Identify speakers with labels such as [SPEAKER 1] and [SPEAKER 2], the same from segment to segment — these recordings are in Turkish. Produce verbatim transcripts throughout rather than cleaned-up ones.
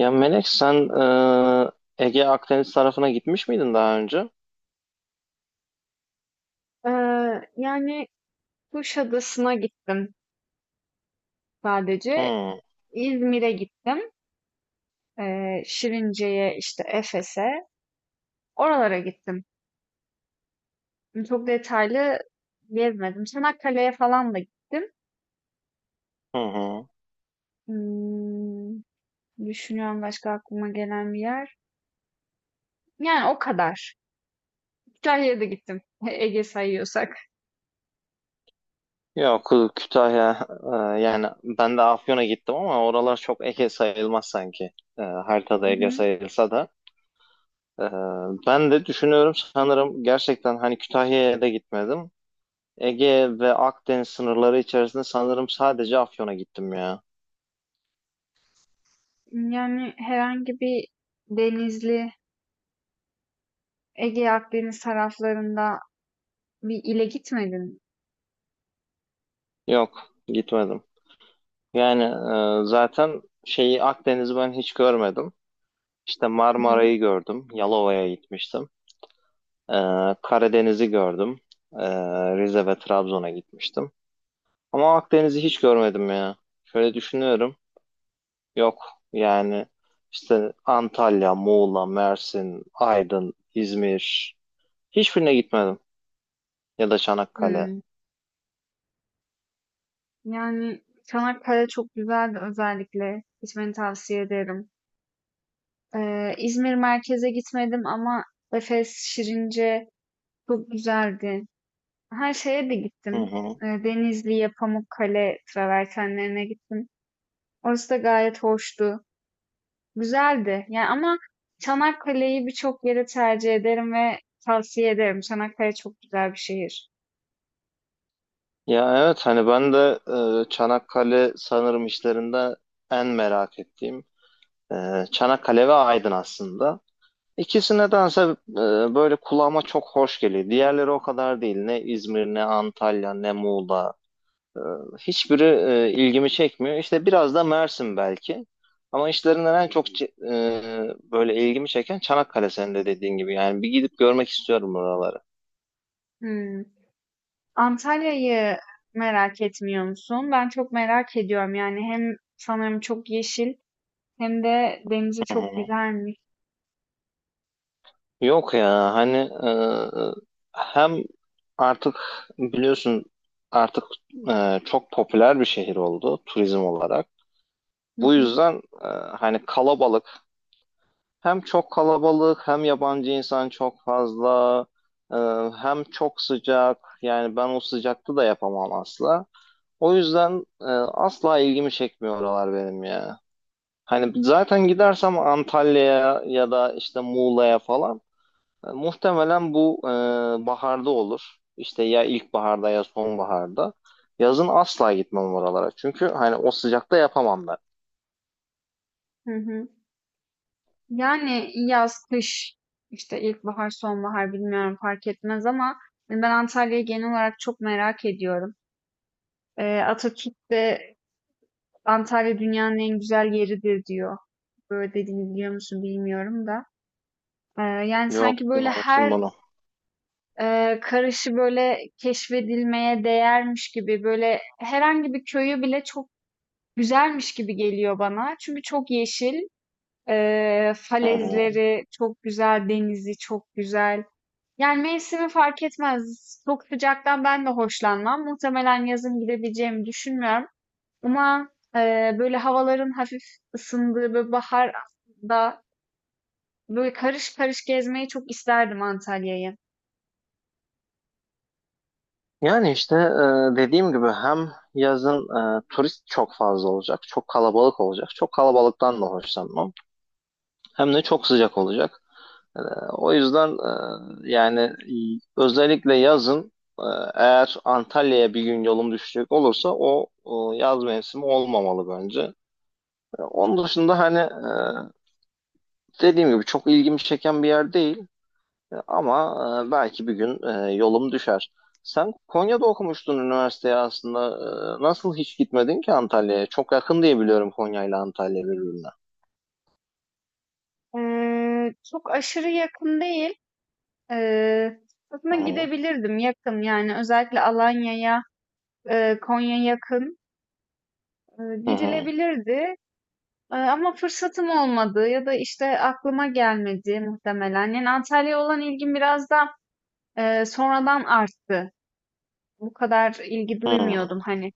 [SPEAKER 1] Ya Melek sen e, Ege Akdeniz tarafına gitmiş miydin daha önce?
[SPEAKER 2] Eee, yani Kuşadası'na gittim sadece.
[SPEAKER 1] Hı
[SPEAKER 2] İzmir'e gittim. Eee, Şirince'ye, işte Efes'e. Oralara gittim. Çok detaylı gezmedim. Çanakkale'ye falan da gittim.
[SPEAKER 1] hı hı.
[SPEAKER 2] Hmm, düşünüyorum başka aklıma gelen bir yer. Yani o kadar. Kütahya'ya da gittim. Ege sayıyorsak.
[SPEAKER 1] Yok Kütahya e, yani ben de Afyon'a gittim ama oralar çok Ege sayılmaz sanki. E, haritada
[SPEAKER 2] Hı
[SPEAKER 1] Ege
[SPEAKER 2] hı.
[SPEAKER 1] sayılsa da. E, Ben de düşünüyorum sanırım gerçekten hani Kütahya'ya da gitmedim. Ege ve Akdeniz sınırları içerisinde sanırım sadece Afyon'a gittim ya.
[SPEAKER 2] Yani herhangi bir denizli, Ege Akdeniz taraflarında bir ile gitmedin.
[SPEAKER 1] Yok gitmedim. Yani e, zaten şeyi Akdeniz'i ben hiç görmedim. İşte
[SPEAKER 2] Hı hı.
[SPEAKER 1] Marmara'yı gördüm. Yalova'ya gitmiştim. Ee, Karadeniz'i gördüm. Ee, Rize ve Trabzon'a gitmiştim. Ama Akdeniz'i hiç görmedim ya. Şöyle düşünüyorum. Yok yani işte Antalya, Muğla, Mersin, Aydın, İzmir. Hiçbirine gitmedim. Ya da Çanakkale.
[SPEAKER 2] Hmm. Yani Çanakkale çok güzeldi özellikle. Gitmeni tavsiye ederim. Ee, İzmir merkeze gitmedim ama Efes, Şirince çok güzeldi. Her şeye de
[SPEAKER 1] Hı
[SPEAKER 2] gittim.
[SPEAKER 1] hı.
[SPEAKER 2] Ee, Denizli'ye, Pamukkale travertenlerine gittim. Orası da gayet hoştu. Güzeldi. Yani ama Çanakkale'yi birçok yere tercih ederim ve tavsiye ederim. Çanakkale çok güzel bir şehir.
[SPEAKER 1] Ya evet hani ben de e, Çanakkale sanırım işlerinde en merak ettiğim e, Çanakkale ve Aydın aslında. İkisine dense e, böyle kulağıma çok hoş geliyor. Diğerleri o kadar değil. Ne İzmir, ne Antalya, ne Muğla. E, Hiçbiri e, ilgimi çekmiyor. İşte biraz da Mersin belki. Ama işlerinden en çok ce- e, böyle ilgimi çeken Çanakkale senin de dediğin gibi. Yani bir gidip görmek istiyorum buraları.
[SPEAKER 2] Hmm. Antalya'yı merak etmiyor musun? Ben çok merak ediyorum. Yani hem sanırım çok yeşil hem de denizi
[SPEAKER 1] Hı
[SPEAKER 2] çok
[SPEAKER 1] hı.
[SPEAKER 2] güzelmiş.
[SPEAKER 1] Yok ya hani e, hem artık biliyorsun artık e, çok popüler bir şehir oldu turizm olarak.
[SPEAKER 2] Hı
[SPEAKER 1] Bu
[SPEAKER 2] hı,
[SPEAKER 1] yüzden e, hani kalabalık. Hem çok kalabalık, hem yabancı insan çok fazla, e, hem çok sıcak. Yani ben o sıcakta da yapamam asla. O yüzden e, asla ilgimi çekmiyor oralar benim ya. Hani zaten gidersem Antalya'ya ya da işte Muğla'ya falan e, muhtemelen bu e, baharda olur. İşte ya ilkbaharda ya sonbaharda. Yazın asla gitmem oralara. Çünkü hani o sıcakta yapamam ben.
[SPEAKER 2] hı hı. Yani yaz, kış, işte ilkbahar, sonbahar bilmiyorum fark etmez ama ben Antalya'yı genel olarak çok merak ediyorum. Ee, Atatürk de Antalya dünyanın en güzel yeridir diyor. Böyle dediğini biliyor musun bilmiyorum da. Ee, yani sanki
[SPEAKER 1] Yok,
[SPEAKER 2] böyle
[SPEAKER 1] duymamıştım
[SPEAKER 2] her
[SPEAKER 1] bunu.
[SPEAKER 2] Eee, karışı böyle keşfedilmeye değermiş gibi böyle herhangi bir köyü bile çok güzelmiş gibi geliyor bana. Çünkü çok yeşil, eee,
[SPEAKER 1] Hı hı.
[SPEAKER 2] falezleri çok güzel, denizi çok güzel. Yani mevsimi fark etmez. Çok sıcaktan ben de hoşlanmam. Muhtemelen yazın gidebileceğimi düşünmüyorum. Ama eee, böyle havaların hafif ısındığı böyle bahar da böyle karış karış gezmeyi çok isterdim Antalya'yı.
[SPEAKER 1] Yani işte e, dediğim gibi hem yazın e, turist çok fazla olacak, çok kalabalık olacak. Çok kalabalıktan da hoşlanmam. Hem de çok sıcak olacak. E, O yüzden e, yani y- özellikle yazın e, eğer Antalya'ya bir gün yolum düşecek olursa o, o yaz mevsimi olmamalı bence. E, onun dışında hani e, dediğim gibi çok ilgimi çeken bir yer değil. E, Ama e, belki bir gün e, yolum düşer. Sen Konya'da okumuştun üniversiteye aslında. E, nasıl hiç gitmedin ki Antalya'ya? Çok yakın diye biliyorum Konya ile Antalya birbirine.
[SPEAKER 2] Eee, çok aşırı yakın değil. Eee,
[SPEAKER 1] Hı
[SPEAKER 2] aslında
[SPEAKER 1] hı,
[SPEAKER 2] gidebilirdim yakın yani özellikle Alanya'ya, eee, Konya yakın, eee,
[SPEAKER 1] hı hı,
[SPEAKER 2] gidilebilirdi. Eee, ama fırsatım olmadı ya da işte aklıma gelmedi muhtemelen. Yani Antalya'ya olan ilgim biraz da eee, sonradan arttı. Bu kadar ilgi duymuyordum, hani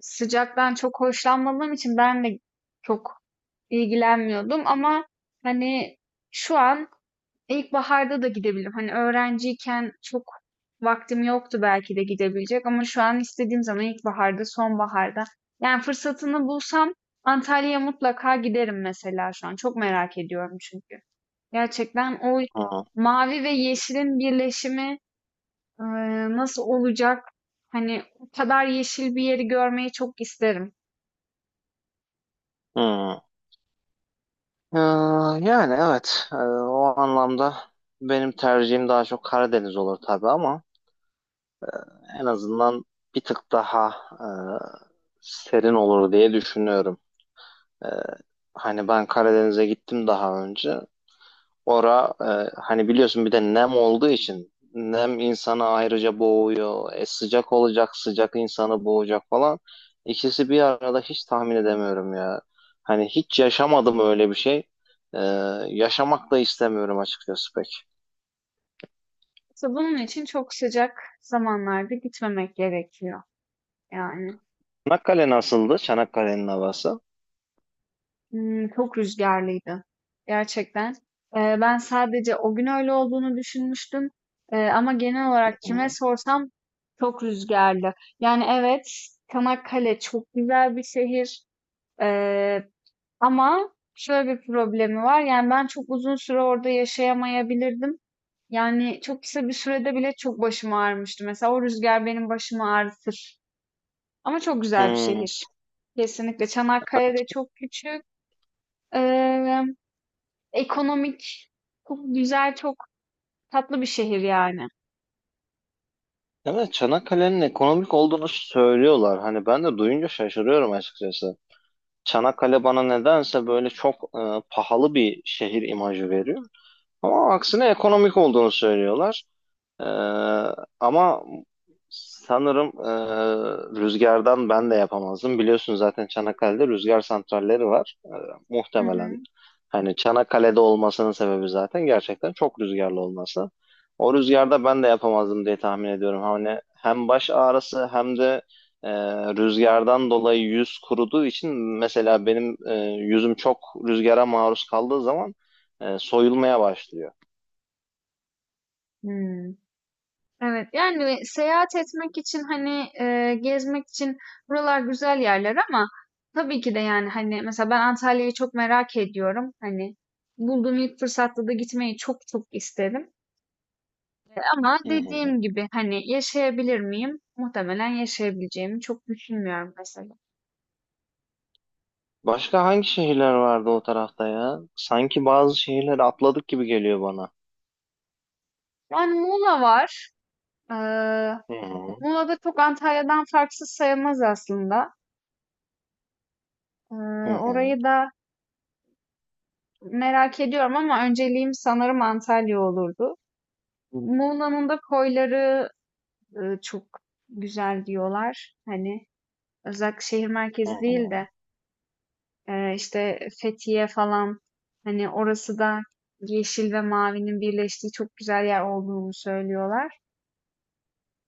[SPEAKER 2] sıcaktan çok hoşlanmadığım için ben de çok ilgilenmiyordum ama hani şu an İlkbaharda da gidebilirim. Hani öğrenciyken çok vaktim yoktu belki de gidebilecek ama şu an istediğim zaman ilkbaharda, sonbaharda. Yani fırsatını bulsam Antalya'ya mutlaka giderim mesela şu an. Çok merak ediyorum çünkü. Gerçekten o
[SPEAKER 1] hı hı,
[SPEAKER 2] mavi ve yeşilin birleşimi e, nasıl olacak? Hani o kadar yeşil bir yeri görmeyi çok isterim.
[SPEAKER 1] hı. Ee, Yani evet, e, o anlamda benim tercihim daha çok Karadeniz olur tabii ama en azından bir tık daha e, serin olur diye düşünüyorum. E, Hani ben Karadeniz'e gittim daha önce. Ora e, hani biliyorsun bir de nem olduğu için nem insanı ayrıca boğuyor. E, sıcak olacak, sıcak insanı boğacak falan. İkisi bir arada hiç tahmin edemiyorum ya. Hani hiç yaşamadım öyle bir şey. E, Yaşamak da istemiyorum açıkçası pek.
[SPEAKER 2] İşte bunun için çok sıcak zamanlarda gitmemek gerekiyor yani.
[SPEAKER 1] Çanakkale nasıldı? Çanakkale'nin havası.
[SPEAKER 2] Hımm, çok rüzgarlıydı gerçekten. Eee, ben sadece o gün öyle olduğunu düşünmüştüm, eee, ama genel olarak kime
[SPEAKER 1] Hı.
[SPEAKER 2] sorsam çok rüzgarlı. Yani evet, Çanakkale çok güzel bir şehir, eee, ama şöyle bir problemi var, yani ben çok uzun süre orada yaşayamayabilirdim. Yani çok kısa bir sürede bile çok başım ağrımıştı. Mesela o rüzgar benim başımı ağrıtır ama çok güzel bir
[SPEAKER 1] Hmm.
[SPEAKER 2] şehir. Kesinlikle. Çanakkale de çok küçük. Eee Ekonomik, çok güzel, çok tatlı bir şehir yani.
[SPEAKER 1] Evet, Çanakkale'nin ekonomik olduğunu söylüyorlar. Hani ben de duyunca şaşırıyorum açıkçası. Çanakkale bana nedense böyle çok e, pahalı bir şehir imajı veriyor. Ama aksine ekonomik olduğunu söylüyorlar. Ee, Ama sanırım e, rüzgardan ben de yapamazdım. Biliyorsun zaten Çanakkale'de rüzgar santralleri var. Ee,
[SPEAKER 2] Hı
[SPEAKER 1] muhtemelen
[SPEAKER 2] hı.
[SPEAKER 1] hani Çanakkale'de olmasının sebebi zaten gerçekten çok rüzgarlı olması. O rüzgarda ben de yapamazdım diye tahmin ediyorum. Hani hem baş ağrısı hem de e, rüzgardan dolayı yüz kuruduğu için mesela benim e, yüzüm çok rüzgara maruz kaldığı zaman e, soyulmaya başlıyor.
[SPEAKER 2] Hmm. Evet, yani seyahat etmek için hani e, gezmek için buralar güzel yerler ama tabii ki de, yani hani mesela ben Antalya'yı çok merak ediyorum. Hani bulduğum ilk fırsatta da gitmeyi çok çok isterim. Ama
[SPEAKER 1] Hı hı.
[SPEAKER 2] dediğim gibi hani yaşayabilir miyim? Muhtemelen yaşayabileceğimi çok düşünmüyorum mesela.
[SPEAKER 1] Başka hangi şehirler vardı o tarafta ya? Sanki bazı şehirleri atladık gibi geliyor bana.
[SPEAKER 2] Yani Muğla var. Ee,
[SPEAKER 1] Hı hı.
[SPEAKER 2] Muğla da çok Antalya'dan farksız sayılmaz aslında. Ee,
[SPEAKER 1] Hı
[SPEAKER 2] orayı
[SPEAKER 1] hı.
[SPEAKER 2] da merak ediyorum ama önceliğim sanırım Antalya olurdu. Muğla'nın da koyları e, çok güzel diyorlar. Hani özellikle şehir
[SPEAKER 1] Hı
[SPEAKER 2] merkezi değil
[SPEAKER 1] hı.
[SPEAKER 2] de, e, işte Fethiye falan, hani orası da yeşil ve mavinin birleştiği çok güzel yer olduğunu söylüyorlar.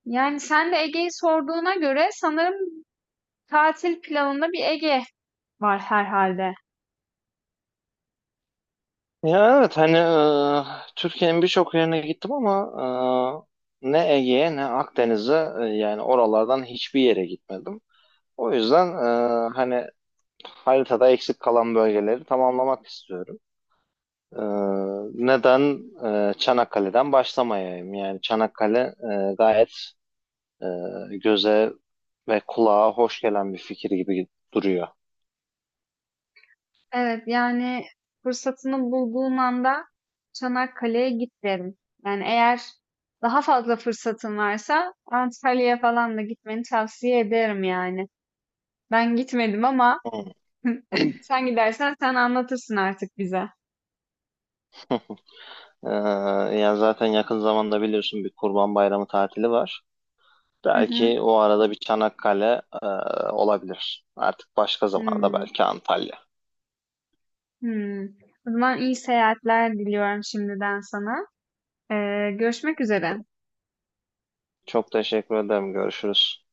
[SPEAKER 2] Yani sen de Ege'yi sorduğuna göre sanırım tatil planında bir Ege var herhalde.
[SPEAKER 1] Ya evet hani e, Türkiye'nin birçok yerine gittim ama e, ne Ege'ye ne Akdeniz'e e, yani oralardan hiçbir yere gitmedim. O yüzden e, hani haritada eksik kalan bölgeleri tamamlamak istiyorum. E, Neden e, Çanakkale'den başlamayayım? Yani Çanakkale e, gayet e, göze ve kulağa hoş gelen bir fikir gibi duruyor.
[SPEAKER 2] Evet, yani fırsatını bulduğun anda Çanakkale'ye git derim. Yani eğer daha fazla fırsatın varsa Antalya'ya falan da gitmeni tavsiye ederim yani. Ben gitmedim ama sen gidersen sen anlatırsın artık bize.
[SPEAKER 1] Ee, Yani zaten yakın zamanda biliyorsun bir Kurban Bayramı tatili var.
[SPEAKER 2] Hı hı.
[SPEAKER 1] Belki o arada bir Çanakkale e, olabilir. Artık başka zamanda
[SPEAKER 2] Hmm,
[SPEAKER 1] belki Antalya.
[SPEAKER 2] hmm. O zaman iyi seyahatler diliyorum şimdiden sana. Ee, görüşmek üzere.
[SPEAKER 1] Çok teşekkür ederim. Görüşürüz.